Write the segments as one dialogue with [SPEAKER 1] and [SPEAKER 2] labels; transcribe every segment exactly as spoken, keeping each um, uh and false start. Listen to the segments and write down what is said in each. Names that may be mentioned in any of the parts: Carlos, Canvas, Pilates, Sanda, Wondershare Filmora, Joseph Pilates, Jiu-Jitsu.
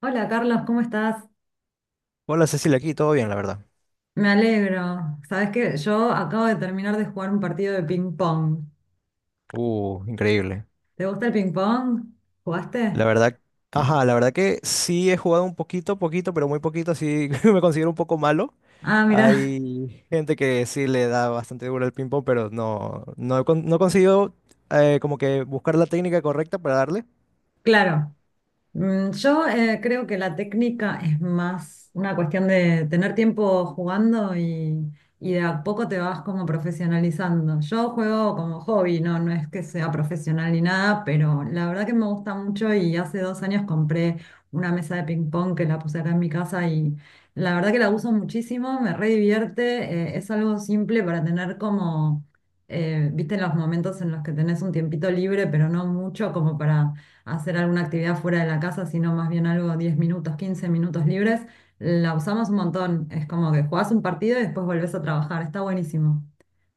[SPEAKER 1] Hola Carlos, ¿cómo estás?
[SPEAKER 2] Hola Cecilia, aquí todo bien, la verdad.
[SPEAKER 1] Me alegro. Sabes que yo acabo de terminar de jugar un partido de ping pong.
[SPEAKER 2] Uh, increíble.
[SPEAKER 1] ¿Te gusta el ping pong?
[SPEAKER 2] La
[SPEAKER 1] ¿Jugaste?
[SPEAKER 2] verdad, ajá, la verdad que sí he jugado un poquito, poquito, pero muy poquito, así, me considero un poco malo.
[SPEAKER 1] Ah, mira,
[SPEAKER 2] Hay gente que sí le da bastante duro al ping-pong, pero no, no, he con- no he conseguido, eh, como que buscar la técnica correcta para darle.
[SPEAKER 1] claro. Mm, Yo eh, creo que la técnica es más una cuestión de tener tiempo jugando y, y de a poco te vas como profesionalizando. Yo juego como hobby, no, no es que sea profesional ni nada, pero la verdad que me gusta mucho y hace dos años compré una mesa de ping pong que la puse acá en mi casa y la verdad que la uso muchísimo, me re divierte, eh, es algo simple para tener como, eh, viste, los momentos en los que tenés un tiempito libre, pero no mucho como para hacer alguna actividad fuera de la casa, sino más bien algo diez minutos, quince minutos libres, la usamos un montón. Es como que jugás un partido y después volvés a trabajar. Está buenísimo.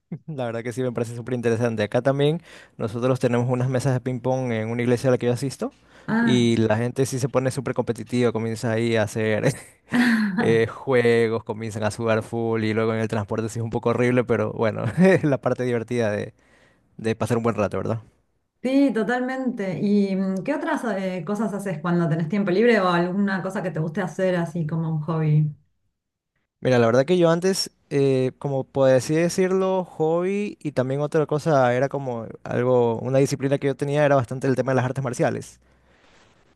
[SPEAKER 2] La verdad que sí me parece súper interesante. Acá también nosotros tenemos unas mesas de ping-pong en una iglesia a la que yo asisto,
[SPEAKER 1] Ah,
[SPEAKER 2] y la gente sí se pone súper competitiva, comienza ahí a hacer, eh, juegos, comienzan a sudar full y luego en el transporte sí es un poco horrible, pero bueno, es la parte divertida de, de pasar un buen rato, ¿verdad?
[SPEAKER 1] sí, totalmente. ¿Y mm, qué otras eh, cosas haces cuando tenés tiempo libre o alguna cosa que te guste hacer así como un hobby?
[SPEAKER 2] Mira, la verdad que yo antes, eh, como por así decirlo, hobby y también otra cosa era como algo, una disciplina que yo tenía era bastante el tema de las artes marciales.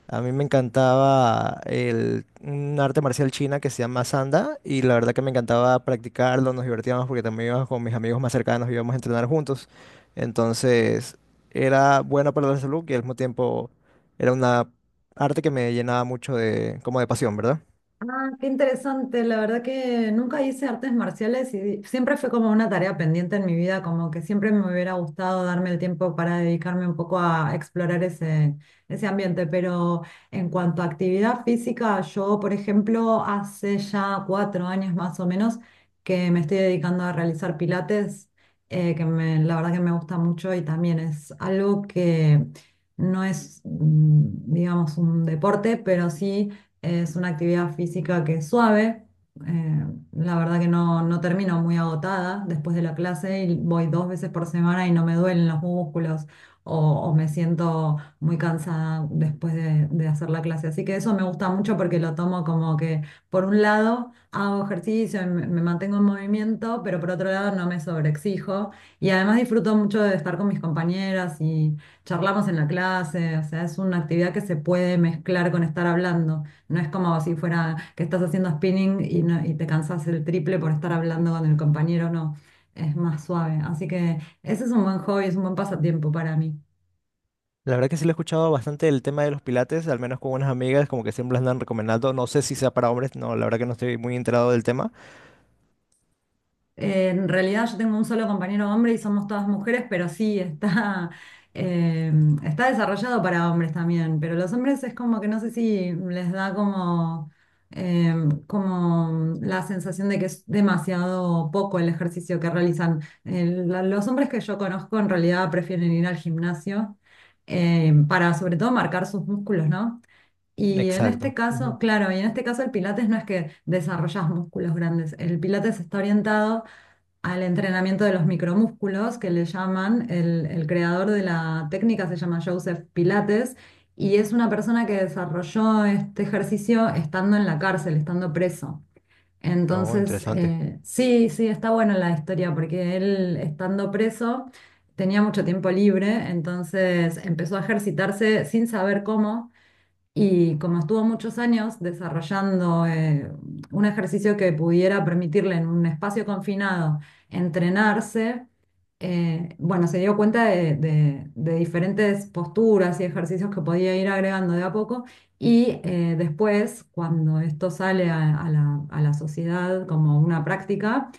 [SPEAKER 2] A mí me encantaba el, un arte marcial china que se llama Sanda, y la verdad que me encantaba practicarlo, nos divertíamos porque también íbamos con mis amigos más cercanos, íbamos a entrenar juntos. Entonces era bueno para la salud y al mismo tiempo era una arte que me llenaba mucho de, como de pasión, ¿verdad?
[SPEAKER 1] Ah, qué interesante. La verdad que nunca hice artes marciales y siempre fue como una tarea pendiente en mi vida, como que siempre me hubiera gustado darme el tiempo para dedicarme un poco a explorar ese, ese ambiente. Pero en cuanto a actividad física, yo, por ejemplo, hace ya cuatro años más o menos que me estoy dedicando a realizar pilates, eh, que me- la verdad que me gusta mucho y también es algo que no es, mm, digamos, un deporte, pero sí es una actividad física que es suave. eh, la verdad que no, no termino muy agotada después de la clase y voy dos veces por semana y no me duelen los músculos o, o me siento muy cansada después de, de hacer la clase. Así que eso me gusta mucho porque lo tomo como que por un lado hago ejercicio, y me, me mantengo en movimiento, pero por otro lado no me sobreexijo y además disfruto mucho de estar con mis compañeras y charlamos en la clase. O sea, es una actividad que se puede mezclar con estar hablando. No es como si fuera que estás haciendo spinning y, no- y te cansas el triple por estar hablando con el compañero, no. Es más suave. Así que ese es un buen hobby, es un buen pasatiempo para mí.
[SPEAKER 2] La verdad que sí lo he escuchado bastante, el tema de los pilates, al menos con unas amigas como que siempre las andan recomendando. No sé si sea para hombres, no, la verdad que no estoy muy enterado del tema.
[SPEAKER 1] Eh, en realidad yo tengo un solo compañero hombre y somos todas mujeres, pero sí, está, eh, está desarrollado para hombres también, pero los hombres es como que no sé si les da como, eh, como la sensación de que es demasiado poco el ejercicio que realizan. El- la- los hombres que yo conozco en realidad prefieren ir al gimnasio eh, para sobre todo marcar sus músculos, ¿no? Y en este
[SPEAKER 2] Exacto. Ujú.
[SPEAKER 1] caso, claro, y en este caso el pilates no es que desarrollas músculos grandes, el pilates está orientado al entrenamiento de los micromúsculos, que le llaman, el, el creador de la técnica se llama Joseph Pilates, y es una persona que desarrolló este ejercicio estando en la cárcel, estando preso.
[SPEAKER 2] Oh,
[SPEAKER 1] Entonces,
[SPEAKER 2] interesante.
[SPEAKER 1] eh, sí, sí, está buena la historia, porque él estando preso tenía mucho tiempo libre, entonces empezó a ejercitarse sin saber cómo. Y como estuvo muchos años desarrollando eh, un ejercicio que pudiera permitirle en un espacio confinado entrenarse, eh, bueno, se dio cuenta de, de- de diferentes posturas y ejercicios que podía ir agregando de a poco. Y eh, después, cuando esto sale a, a la, a la sociedad como una práctica,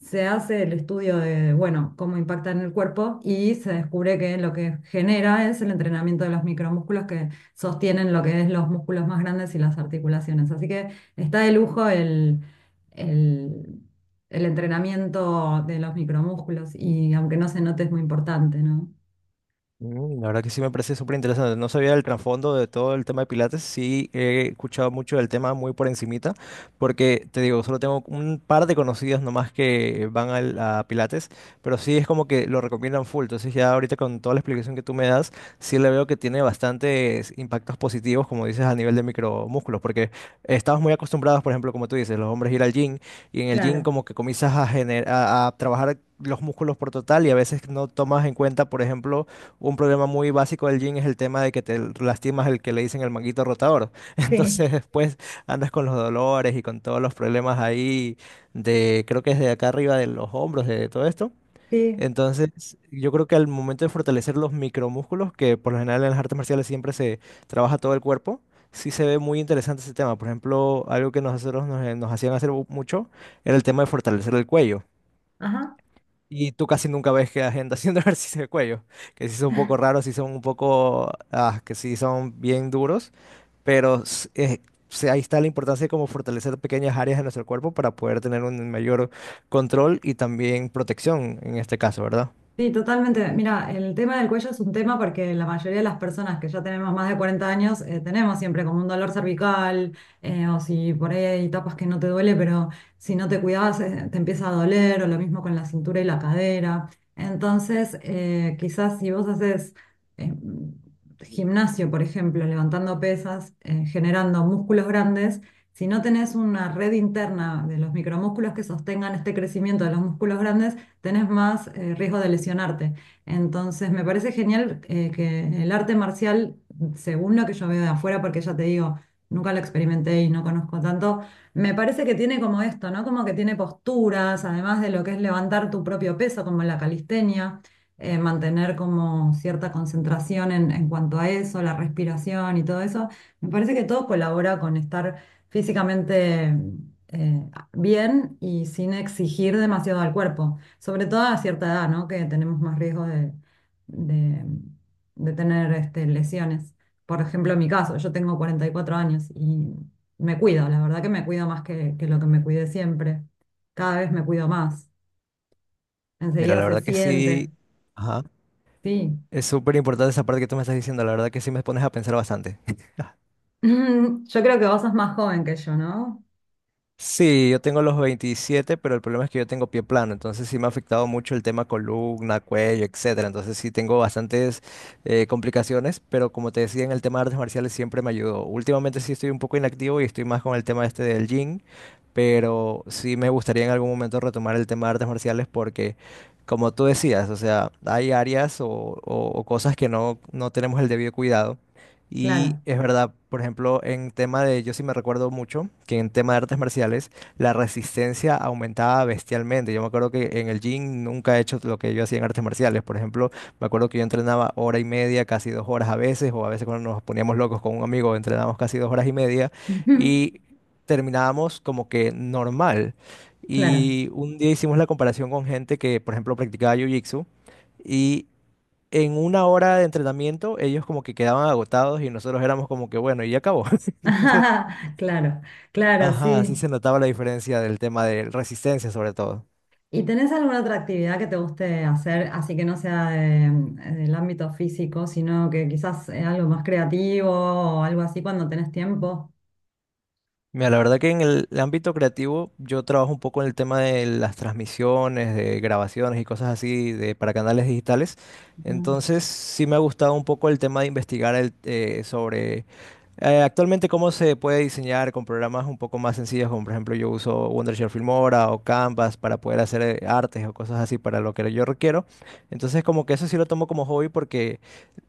[SPEAKER 1] se hace el estudio de, bueno, cómo impacta en el cuerpo y se descubre que lo que genera es el entrenamiento de los micromúsculos que sostienen lo que es los músculos más grandes y las articulaciones. Así que está de lujo el, el, el entrenamiento de los micromúsculos y aunque no se note es muy importante, ¿no?
[SPEAKER 2] Mm, la verdad que sí me parece súper interesante. No sabía el trasfondo de todo el tema de Pilates. Sí he escuchado mucho del tema muy por encimita, porque te digo, solo tengo un par de conocidos nomás que van al- a Pilates, pero sí es como que lo recomiendan full. Entonces ya ahorita con toda la explicación que tú me das, sí le veo que tiene bastantes impactos positivos, como dices, a nivel de micromúsculos, porque estamos muy acostumbrados, por ejemplo, como tú dices, los hombres ir al gym, y en el gym
[SPEAKER 1] Claro,
[SPEAKER 2] como que comienzas a, gener- a a trabajar los músculos por total, y a veces no tomas en cuenta, por ejemplo, un problema muy básico del gym es el tema de que te lastimas el que le dicen el manguito rotador.
[SPEAKER 1] sí,
[SPEAKER 2] Entonces después andas con los dolores y con todos los problemas ahí de, creo que es de acá arriba de los hombros, de todo esto.
[SPEAKER 1] sí.
[SPEAKER 2] Entonces yo creo que al momento de fortalecer los micromúsculos, que por lo general en las artes marciales siempre se trabaja todo el cuerpo, sí se ve muy interesante ese tema. Por ejemplo, algo que nosotros nos, nos hacían hacer mucho era el tema de fortalecer el cuello.
[SPEAKER 1] Ajá.
[SPEAKER 2] Y tú casi nunca ves que la gente haciendo ejercicio de cuello, que sí son un poco raros, sí son un poco, ah, que sí son bien duros, pero s- eh, se- ahí está la importancia de cómo fortalecer pequeñas áreas de nuestro cuerpo para poder tener un mayor control y también protección en este caso, ¿verdad?
[SPEAKER 1] Sí, totalmente. Mira, el tema del cuello es un tema porque la mayoría de las personas que ya tenemos más de cuarenta años eh, tenemos siempre como un dolor cervical eh, o si por ahí hay etapas que no te duele, pero si no te cuidabas eh, te empieza a doler o lo mismo con la cintura y la cadera. Entonces, eh, quizás si vos haces eh, gimnasio, por ejemplo, levantando pesas, eh, generando músculos grandes, si no tenés una red interna de los micromúsculos que sostengan este crecimiento de los músculos grandes, tenés más eh, riesgo de lesionarte. Entonces, me parece genial eh, que el arte marcial, según lo que yo veo de afuera, porque ya te digo, nunca lo experimenté y no conozco tanto, me parece que tiene como esto, ¿no? Como que tiene posturas, además de lo que es levantar tu propio peso, como la calistenia, eh, mantener como cierta concentración en, en cuanto a eso, la respiración y todo eso. Me parece que todo colabora con estar físicamente eh, bien y sin exigir demasiado al cuerpo. Sobre todo a cierta edad, ¿no? Que tenemos más riesgo de, de- de tener este, lesiones. Por ejemplo, en mi caso, yo tengo cuarenta y cuatro años y me cuido, la verdad que me cuido más que, que lo que me cuidé siempre. Cada vez me cuido más.
[SPEAKER 2] Mira,
[SPEAKER 1] Enseguida
[SPEAKER 2] la
[SPEAKER 1] se
[SPEAKER 2] verdad que
[SPEAKER 1] siente,
[SPEAKER 2] sí, ajá,
[SPEAKER 1] sí.
[SPEAKER 2] es súper importante esa parte que tú me estás diciendo, la verdad que sí me pones a pensar bastante.
[SPEAKER 1] Yo creo que vos sos más joven que yo, ¿no?
[SPEAKER 2] Sí, yo tengo los veintisiete, pero el problema es que yo tengo pie plano, entonces sí me ha afectado mucho el tema columna, cuello, etcétera. Entonces sí tengo bastantes, eh, complicaciones, pero como te decía, en el tema de artes marciales siempre me ayudó. Últimamente sí estoy un poco inactivo y estoy más con el tema este del gym, pero sí me gustaría en algún momento retomar el tema de artes marciales porque, como tú decías, o sea, hay áreas o, o- o cosas que no, no tenemos el debido cuidado. Y
[SPEAKER 1] Claro.
[SPEAKER 2] es verdad, por ejemplo, en tema de, yo sí me recuerdo mucho que en tema de artes marciales la resistencia aumentaba bestialmente. Yo me acuerdo que en el gym nunca he hecho lo que yo hacía en artes marciales. Por ejemplo, me acuerdo que yo entrenaba hora y media, casi dos horas a veces, o a veces cuando nos poníamos locos con un amigo, entrenábamos casi dos horas y media y terminábamos como que normal.
[SPEAKER 1] Claro.
[SPEAKER 2] Y un día hicimos la comparación con gente que, por ejemplo, practicaba Jiu-Jitsu. Y en una hora de entrenamiento, ellos como que quedaban agotados y nosotros éramos como que, bueno, y ya acabó. Entonces,
[SPEAKER 1] Claro, claro,
[SPEAKER 2] ajá, así
[SPEAKER 1] sí.
[SPEAKER 2] se notaba la diferencia del tema de resistencia, sobre todo.
[SPEAKER 1] ¿Y tenés alguna otra actividad que te guste hacer, así que no sea de- del ámbito físico, sino que quizás eh, algo más creativo o algo así cuando tenés tiempo?
[SPEAKER 2] Mira, la verdad que en el ámbito creativo, yo trabajo un poco en el tema de las transmisiones, de grabaciones y cosas así de, para canales digitales.
[SPEAKER 1] Mm,
[SPEAKER 2] Entonces, sí me ha gustado un poco el tema de investigar el, eh, sobre, Eh, actualmente, ¿cómo se puede diseñar con programas un poco más sencillos, como por ejemplo yo uso Wondershare Filmora o Canvas para poder hacer, eh, artes o cosas así para lo que yo requiero? Entonces, como que eso sí lo tomo como hobby porque,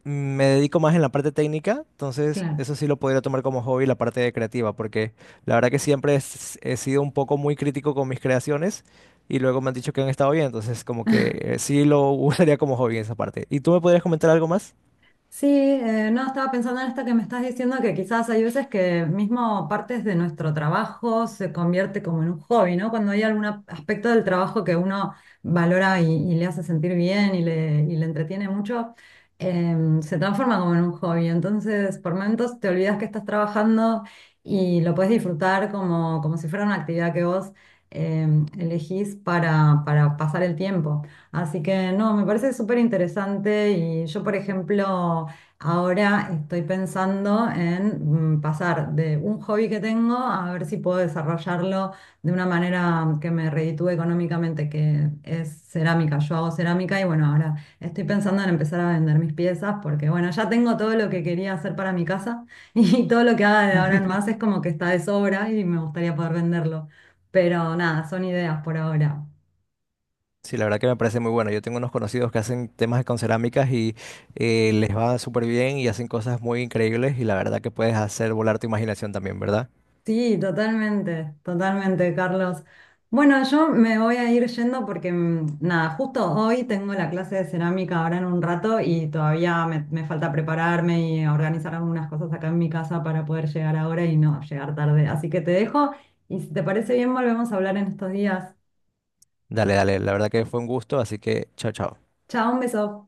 [SPEAKER 2] mm, me dedico más en la parte técnica, entonces
[SPEAKER 1] Claro.
[SPEAKER 2] eso sí lo podría tomar como hobby la parte creativa, porque la verdad que siempre es- he sido un poco muy crítico con mis creaciones y luego me han dicho que han estado bien, entonces como que, eh, sí lo usaría como hobby en esa parte. ¿Y tú me podrías comentar algo más?
[SPEAKER 1] Sí, eh, no, estaba pensando en esto que me estás diciendo, que quizás hay veces que mismo partes de nuestro trabajo se convierte como en un hobby, ¿no? Cuando hay algún ap- aspecto del trabajo que uno valora y, y le hace sentir bien y le, y le entretiene mucho, em, se transforma como en un hobby. Entonces, por momentos te olvidas que estás trabajando y lo puedes disfrutar como, como si fuera una actividad que vos em, elegís para, para pasar el tiempo. Así que no, me parece súper interesante y yo, por ejemplo, ahora estoy pensando en mm, pasar de un hobby que tengo a ver si puedo desarrollarlo de una manera que me reditúe económicamente, que es cerámica. Yo hago cerámica y bueno, ahora estoy pensando en empezar a vender mis piezas porque bueno, ya tengo todo lo que quería hacer para mi casa y todo lo que haga de ahora en más es como que está de sobra y me gustaría poder venderlo. Pero nada, son ideas por ahora.
[SPEAKER 2] Sí, la verdad que me parece muy bueno. Yo tengo unos conocidos que hacen temas con cerámicas y, eh, les va súper bien y hacen cosas muy increíbles y la verdad que puedes hacer volar tu imaginación también, ¿verdad?
[SPEAKER 1] Sí, totalmente, totalmente, Carlos. Bueno, yo me voy a ir yendo porque, mm, nada, justo hoy tengo la clase de cerámica ahora en un rato y todavía me, me falta prepararme y organizar algunas cosas acá en mi casa para poder llegar ahora y no llegar tarde. Así que te dejo y si te parece bien, volvemos a hablar en estos días.
[SPEAKER 2] Dale, dale. La verdad que fue un gusto, así que chao, chao.
[SPEAKER 1] Chao, un beso.